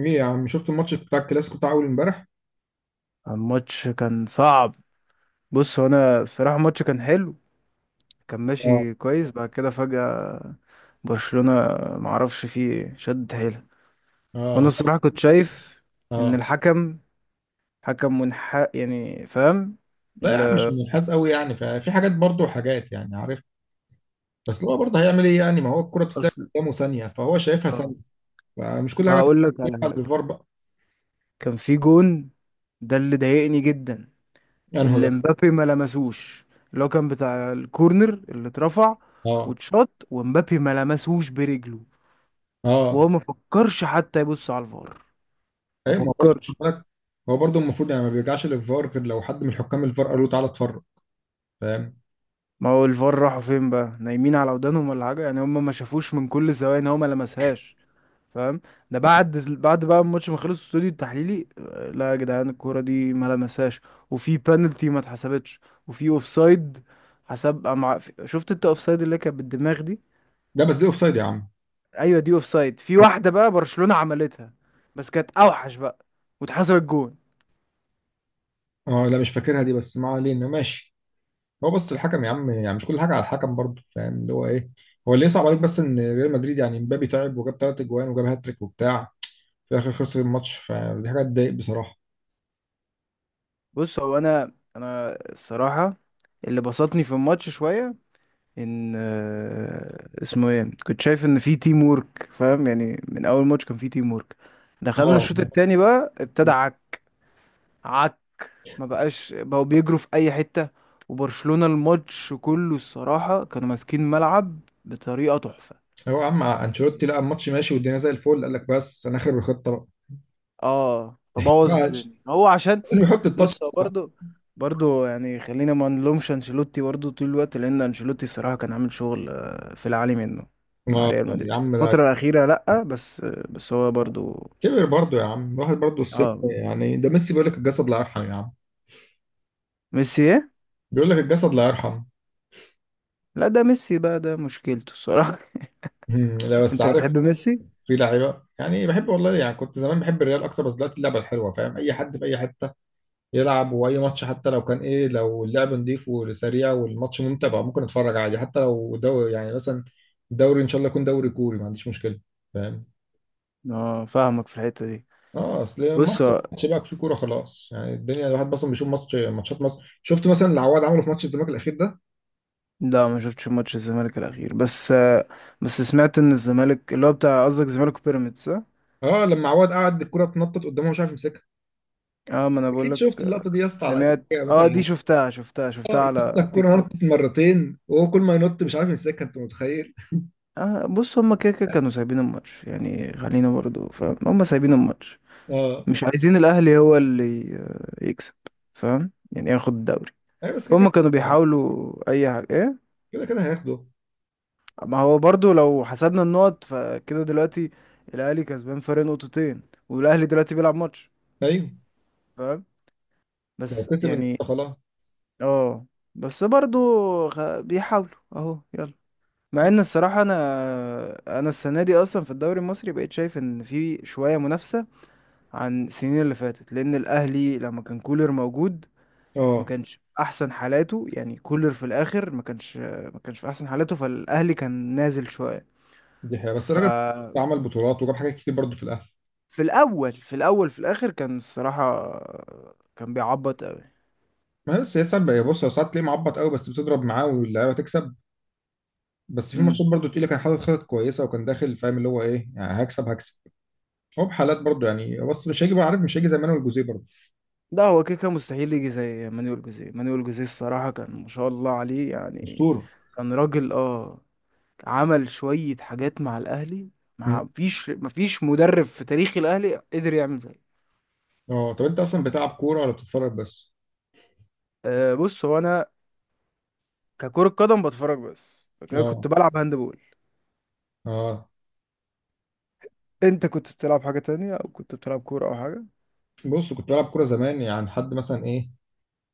ايه يا عم، شفت الماتش بتاع الكلاسيكو بتاع اول امبارح؟ الماتش كان صعب. بص هو انا الصراحه الماتش كان حلو. كان اه. ماشي كويس بعد كده فجأة برشلونة معرفش فيه ايه شد حيلها. وانا اه. الصراحه كنت شايف ان اه. الحكم حكم منحاز، يعني فاهم. لا يا عم، مش اللي منحاز قوي يعني، ففي حاجات برضه وحاجات يعني عارف. بس هو برضه هيعمل ايه يعني؟ ما هو الكرة بتتلعب اصل قدامه ثانية فهو شايفها ثانية. اه، فمش كل حاجة وهقول لك على بتتلعب حاجه. بالفار بقى. كان في جون ده اللي ضايقني جدا، يعني هو ده. اللي مبابي ما لمسوش، اللي هو كان بتاع الكورنر اللي اترفع اه. واتشاط، ومبابي ما لمسوش برجله. اه. وهو ما فكرش حتى يبص على الفار، ما ايوه، ما هو برضه خد فكرش. بالك، هو برضه المفروض يعني ما بيرجعش للفار غير لو حد من حكام الفار قال له تعالى اتفرج. فاهم. ما هو الفار راحوا فين بقى؟ نايمين على ودانهم ولا حاجه، يعني هم ما شافوش من كل الزوايا ان هو ما لمسهاش، فاهم. ده بعد بقى الماتش ما خلص الاستوديو التحليلي لا يا جدعان الكوره دي ما لمسهاش. وفي بانالتي ما اتحسبتش، وفي اوفسايد حسب أمع... شفت انت اوفسايد اللي كانت بالدماغ دي؟ ده بس دي اوفسايد يا عم. ايوه دي اوفسايد. في واحده بقى برشلونه عملتها بس كانت اوحش بقى واتحسبت جون. اه لا، مش فاكرها دي، بس ما علينا، ماشي. هو بس الحكم يا عم، يعني مش كل حاجه على الحكم برضه، فاهم اللي هو ايه. هو اللي يصعب عليك بس ان ريال مدريد يعني مبابي تعب وجاب ثلاث اجوان وجاب هاتريك وبتاع، في الاخر خسر الماتش، فدي حاجه تضايق بصراحه. بص هو انا الصراحه اللي بسطني في الماتش شويه ان آه، اسمه ايه كنت شايف ان في تيم ورك، فاهم. يعني من اول ماتش كان في تيم ورك. دخلنا اه. الشوط التاني بقى ابتدى عك عك، ما بقاش بقوا بيجروا في اي حتة. وبرشلونة الماتش كله الصراحة كانوا ماسكين ملعب بطريقة تحفة. هو يا عم انشيلوتي لقى الماتش ماشي والدنيا زي الفل، قال لك بس انا اخر الخطه بقى. اه، فبوظ معلش. الدنيا هو عشان لازم يحط التاتش بص هو بتاعه. برضه يعني خلينا ما نلومش انشيلوتي برضه طول الوقت، لان انشيلوتي الصراحه كان عامل شغل في العالي منه مع آه، ريال يا مدريد عم، ده الفتره الاخيره. لا بس بس هو برضه. كبر برضه يا عم، الواحد برضه السن اه، يعني، ده ميسي بيقول لك الجسد لا يرحم يا عم. ميسي ايه. بيقول لك الجسد لا يرحم. لا، ده ميسي بقى ده مشكلته الصراحه. لا بس انت عارف، بتحب ميسي. في لعيبه يعني بحب والله، يعني كنت زمان بحب الريال اكتر، بس دلوقتي اللعبه الحلوه فاهم، اي حد في اي حته يلعب، واي ماتش حتى لو كان ايه، لو اللعب نضيف وسريع والماتش ممتع بقى ممكن اتفرج عادي، حتى لو دوري يعني، مثلا دوري ان شاء الله يكون دوري كوري، ما عنديش مشكله. فاهم. اه، فاهمك في الحته دي. اه اصل بص مصر هو- ماتش بقى في كوره خلاص يعني، الدنيا الواحد اصلا بيشوف ماتش، ماتشات مصر شفت مثلا اللي عواد عمله في ماتش الزمالك الاخير ده؟ لا، ما شفتش ماتش الزمالك الاخير بس بس سمعت ان الزمالك اللي هو بتاع قصدك زمالك وبيراميدز، اه. اه لما عواد قعد الكوره تنطط قدامه مش عارف يمسكها. ما انا بقول اكيد لك شفت آه، اللقطه دي يا اسطى، على اي سمعت، حاجه اه، مثلا. دي شفتها اه يا اسطى، على تيك الكوره نطت توك. مرتين وهو كل ما ينط مش عارف يمسكها، انت متخيل؟ آه، بص هما كده كده كانوا سايبين الماتش. يعني خلينا برضو، فاهم، هما سايبين الماتش، اه. مش عايزين الأهلي هو اللي يكسب. فاهم، يعني ياخد الدوري. ايوه بس كده فهم كانوا كده. بيحاولوا أي حاجة إيه. كده كده هياخده. ما هو برضو لو حسبنا النقط فكده دلوقتي الأهلي كسبان فرق نقطتين، والأهلي دلوقتي بيلعب ماتش، ايوه فاهم، لو بس كسب النهارده يعني. خلاص. اه، بس برضو بيحاولوا أهو، يلا. مع ان الصراحة انا السنة دي اصلا في الدوري المصري بقيت شايف ان في شوية منافسة عن السنين اللي فاتت، لان الاهلي لما كان كولر موجود ما اه كانش احسن حالاته. يعني كولر في الاخر ما كانش في احسن حالاته، فالاهلي كان نازل شويه. دي حقيقة، بس ف الراجل عمل بطولات وجاب حاجات كتير برضه في الاهلي. في الاول في الاول في الاخر كان الصراحه كان بيعبط قوي. ما هي بس هي ساعات بقى- بص هو ساعات تلاقيه معبط قوي بس بتضرب معاه واللعيبه تكسب. بس في امم. ماتشات برضه تقيله كان حاطط خطط كويسه وكان داخل فاهم اللي هو ايه، يعني هكسب هكسب. هو بحالات برضه يعني، بس مش هيجي بقى عارف، مش هيجي زي مانويل جوزيه برضه. لا، هو كده كان مستحيل يجي زي مانويل جوزيه. مانويل جوزيه الصراحه كان ما شاء الله عليه، يعني اسطوره. كان راجل اه، عمل شويه حاجات مع الاهلي. مم. ما فيش مدرب في تاريخ الاهلي قدر يعمل زيه. اه طب انت اصلا بتلعب كوره ولا بتتفرج بس؟ أه، بص هو انا ككرة قدم بتفرج بس، لكن انا كنت اه. بلعب هاندبول. اه. انت كنت بتلعب حاجة تانية او كنت بتلعب كورة او حاجة؟ بص كنت بلعب كوره زمان يعني لحد مثلا ايه،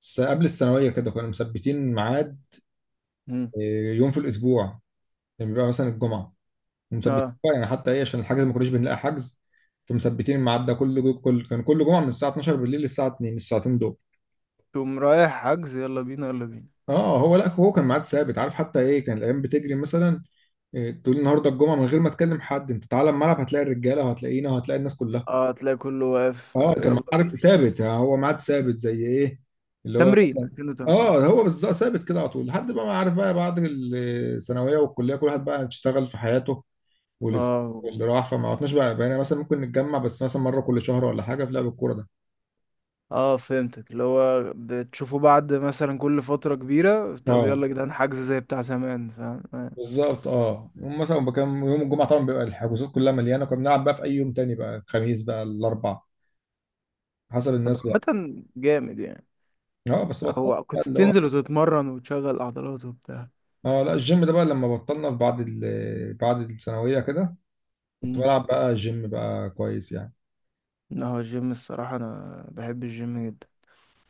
قبل الثانويه كده كنا مثبتين ميعاد، مم. إيه، يوم في الاسبوع. يعني بيبقى مثلا الجمعه ومثبتين اه، بقى يعني حتى ايه عشان الحجز، ما كناش بنلاقي حجز. فمثبتين الميعاد ده، كل جو- كل كان كل جمعه من الساعه 12 بالليل للساعه 2 الساعتين دول. تقوم رايح حجز، يلا بينا يلا بينا. اه هو لا، هو كان ميعاد ثابت عارف حتى ايه، كان الايام بتجري مثلا إيه، تقول النهارده الجمعه، من غير ما تكلم حد انت تعالى الملعب هتلاقي الرجاله وهتلاقينا وهتلاقي الناس كلها. اه، تلاقي كله واقف اه كان يلا عارف بينا. ثابت يعني، هو ميعاد ثابت زي ايه اللي هو تمرين، مثلا. كأنه تمرين. اه هو بالظبط، ثابت كده على طول لحد بقى ما عارف بقى، بعد الثانويه والكليه كل واحد بقى اشتغل في حياته، واللي اه. واللي راح، فما عدناش بقى، بقينا مثلا ممكن نتجمع بس مثلا مره كل شهر ولا حاجه في لعب الكوره ده. اه، فهمتك، اللي هو بتشوفه بعد مثلا كل فترة كبيرة طب اه يلا يا جدعان حجز زي بتاع زمان، فاهم آه. بالظبط. اه يوم مثلا كان يوم الجمعه طبعا بيبقى الحجوزات كلها مليانه، كنا بنلعب بقى في اي يوم تاني بقى، الخميس بقى، الاربع، حسب طب الناس بقى. عامة جامد يعني. اه بس بطلت هو بقى كنت اللي هو. بتنزل وتتمرن وتشغل عضلات وبتاع؟ اه لا الجيم ده بقى لما بطلنا بعد بعد الثانويه كده كنت بلعب بقى جيم بقى كويس يعني. لا، هو الجيم الصراحة أنا بحب الجيم جدا،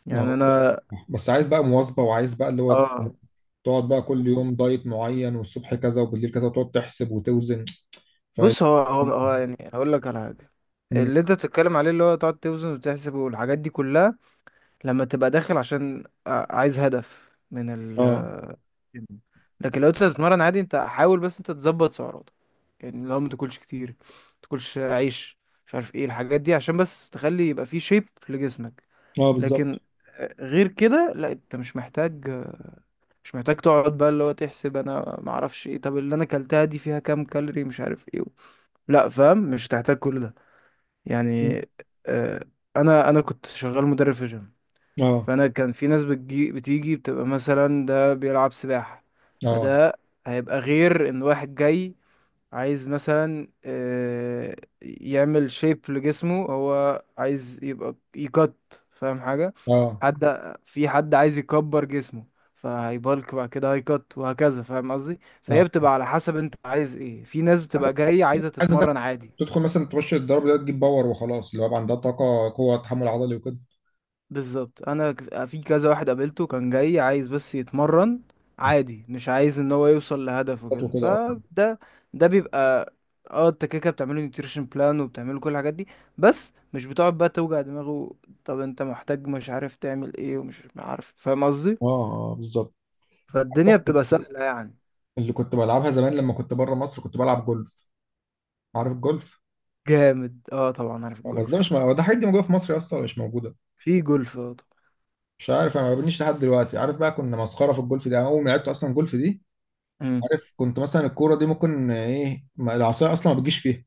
يعني أهو. أنا. بس عايز بقى مواظبه، وعايز بقى اللي هو اه، تقعد بقى كل يوم دايت معين، والصبح كذا وبالليل كذا، وتقعد تحسب وتوزن. ف. بص هو يعني هقول لك على حاجة. مم. اللي أنت بتتكلم عليه، اللي هو تقعد توزن وتحسب والحاجات دي كلها، لما تبقى داخل عشان عايز هدف من اه. الجيم. لكن لو أنت بتتمرن عادي، أنت حاول بس أنت تظبط سعراتك. يعني لو ما تاكلش كتير، ما تاكلش عيش، مش عارف ايه الحاجات دي، عشان بس تخلي يبقى فيه شيب لجسمك. اه بالظبط. لكن غير كده لا، انت مش محتاج تقعد بقى اللي هو تحسب انا ما اعرفش ايه، طب اللي انا كلتها دي فيها كام كالوري، مش عارف ايه. لا، فاهم، مش هتحتاج كل ده مم. يعني. آه انا كنت شغال مدرب في جيم. اه. فانا كان في ناس بتيجي بتبقى مثلا ده بيلعب سباحة، اه. فده هيبقى غير ان واحد جاي عايز مثلا يعمل شيب لجسمه، هو عايز يبقى يقط، فاهم حاجة. اه. حد في حد عايز يكبر جسمه، فهيبالك بعد كده هيكت وهكذا، فاهم قصدي. اه فهي بتبقى على حسب انت عايز ايه. في ناس بس بتبقى جاية عايزة عايز أدخل- تتمرن عادي. تدخل مثلا تخش الضرب ده تجيب باور وخلاص، اللي هو يبقى عندها طاقه قوه تحمل عضلي وكده. بالظبط، انا في كذا واحد قابلته كان جاي عايز بس يتمرن عادي، مش عايز ان هو يوصل لهدفه كده. وكده اه. فده بيبقى اه، انت كده كده بتعمله نيوتريشن بلان وبتعمله كل الحاجات دي، بس مش بتقعد بقى توجع دماغه، طب انت محتاج مش عارف تعمل ايه، ومش عارف، فاهم قصدي. اه آه، بالظبط. فالدنيا بتبقى سهلة يعني. اللي كنت بلعبها زمان لما كنت بره مصر كنت بلعب جولف، عارف الجولف. جامد، اه، طبعا عارف بس ده مش الجولف. هو ده حاجات دي موجوده في مصر اصلا ولا مش موجوده؟ في جولف، اه، طبعا. مش عارف انا ما ببنيش لحد دلوقتي عارف بقى، كنا مسخره في الجولف دي، أنا اول ما لعبت اصلا جولف دي. مم. عارف كنت مثلا الكوره دي ممكن ايه، العصايه اصلا ما بتجيش فيها.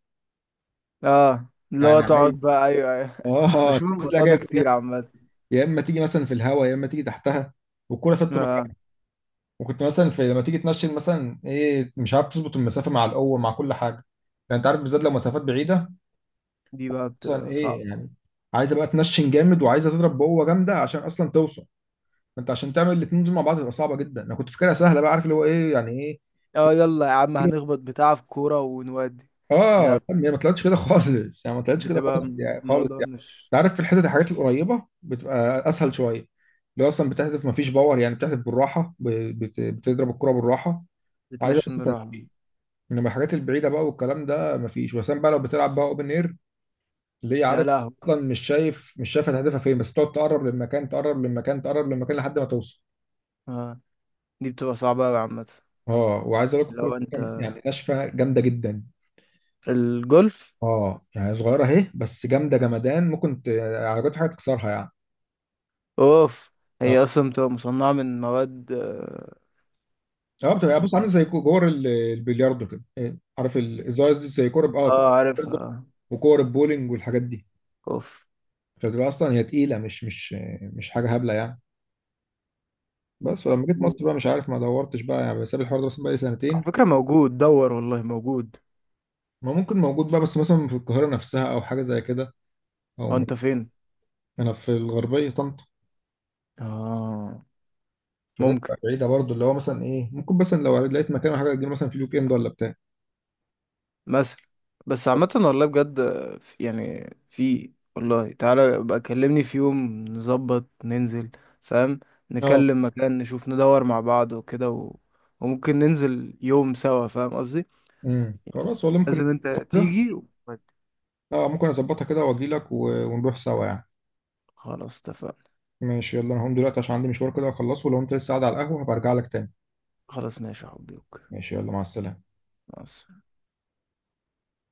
اه، اللي يعني هو تقعد عايز. بقى، ايوه ايوه، اه بشوف لا الموضوع جايه ده فيها، كتير عامة. يا اما تيجي مثلا في الهواء يا اما تيجي تحتها، والكوره ثابته اه مكانها. وكنت مثلا في لما تيجي تنشن مثلا ايه، مش عارف تظبط المسافه مع القوه مع كل حاجه، يعني انت عارف، بالذات لو مسافات بعيده. دي بقى مثلا بتبقى ايه صعبة. يعني عايزه بقى تنشن جامد وعايزه تضرب بقوه جامده عشان اصلا توصل. انت عشان تعمل الاثنين دول مع بعض تبقى صعبه جدا، انا كنت فاكرها سهله بقى، عارف اللي هو ايه يعني ايه. اه، يلا يا عم هنخبط بتاع في كورة ونودي. اه لا، طب هي ما طلعتش كده خالص يعني، ما طلعتش كده بتبقى خالص م- يعني، خالص الموضوع يعني. انت مش عارف في الحتت الحاجات القريبه بتبقى اسهل شويه اللي هو اصلا بتحذف ما فيش باور يعني، بتحذف بالراحه، بتضرب الكره بالراحه. عايزه بس بتنشن بالراحة. تنفيذ. انما الحاجات البعيده بقى والكلام ده ما فيش وسام بقى لو بتلعب بقى اوبن اير اللي هي يا عارف، لهوي. اصلا مش شايف، مش شايف هتهدفها فين، بس بتقعد تقرب للمكان، تقرب للمكان، تقرب للمكان لحد ما توصل. اه، دي بتبقى صعبة أوي عامة. اه وعايز اقول لك الكوره لو دي انت كان- يعني ناشفه جامده جدا. الجولف. اه يعني صغيره اهي بس جامده جمدان، ممكن عربيات حاجه تكسرها يعني. اوف. اه. هي اصلا بتبقى مصنعة من مواد آه، اه بتبقى، اسمه بص، عامل ايه زي كور البلياردو كده إيه، عارف الازاز دي زي كور ب- اه كور- اه، عارفها. وكور البولينج والحاجات دي. اوف. فبتبقى اصلا هي تقيله، مش حاجه هبله يعني. بس ولما جيت و- مصر بقى مش عارف ما دورتش بقى يعني، بسيب الحوار ده مثلا بقى لي على سنتين. فكرة، موجود، دور والله موجود. ما ممكن موجود بقى بس مثلا في القاهره نفسها او حاجه زي كده، او هو انت فين؟ انا في الغربيه طنطا. اه، فده ممكن بتبقى بعيده برضو اللي هو مثلا ايه، ممكن مثلا لو لقيت مكان ولا حاجه اجيب مثلا في الويك اند ولا بتاع. مثلا. بس عامة والله بجد يعني في والله، تعالى بقى كلمني في يوم نظبط ننزل، فاهم. اه نكلم مكان نشوف ندور مع بعض وكده و... وممكن ننزل يوم سوا، فاهم قصدي، يعني خلاص والله ممكن. لازم انت أظبطها كده. تيجي و... اه ممكن اظبطها كده واجي لك ونروح سوا يعني. خلاص، اتفقنا. ماشي يلا انا هقوم دلوقتي عشان عندي مشوار كده اخلصه، لو انت لسه قاعد على القهوة هبقى ارجع لك تاني. خلاص ماشي يا حبيبي، أوكي. ماشي يلا مع السلامة. مع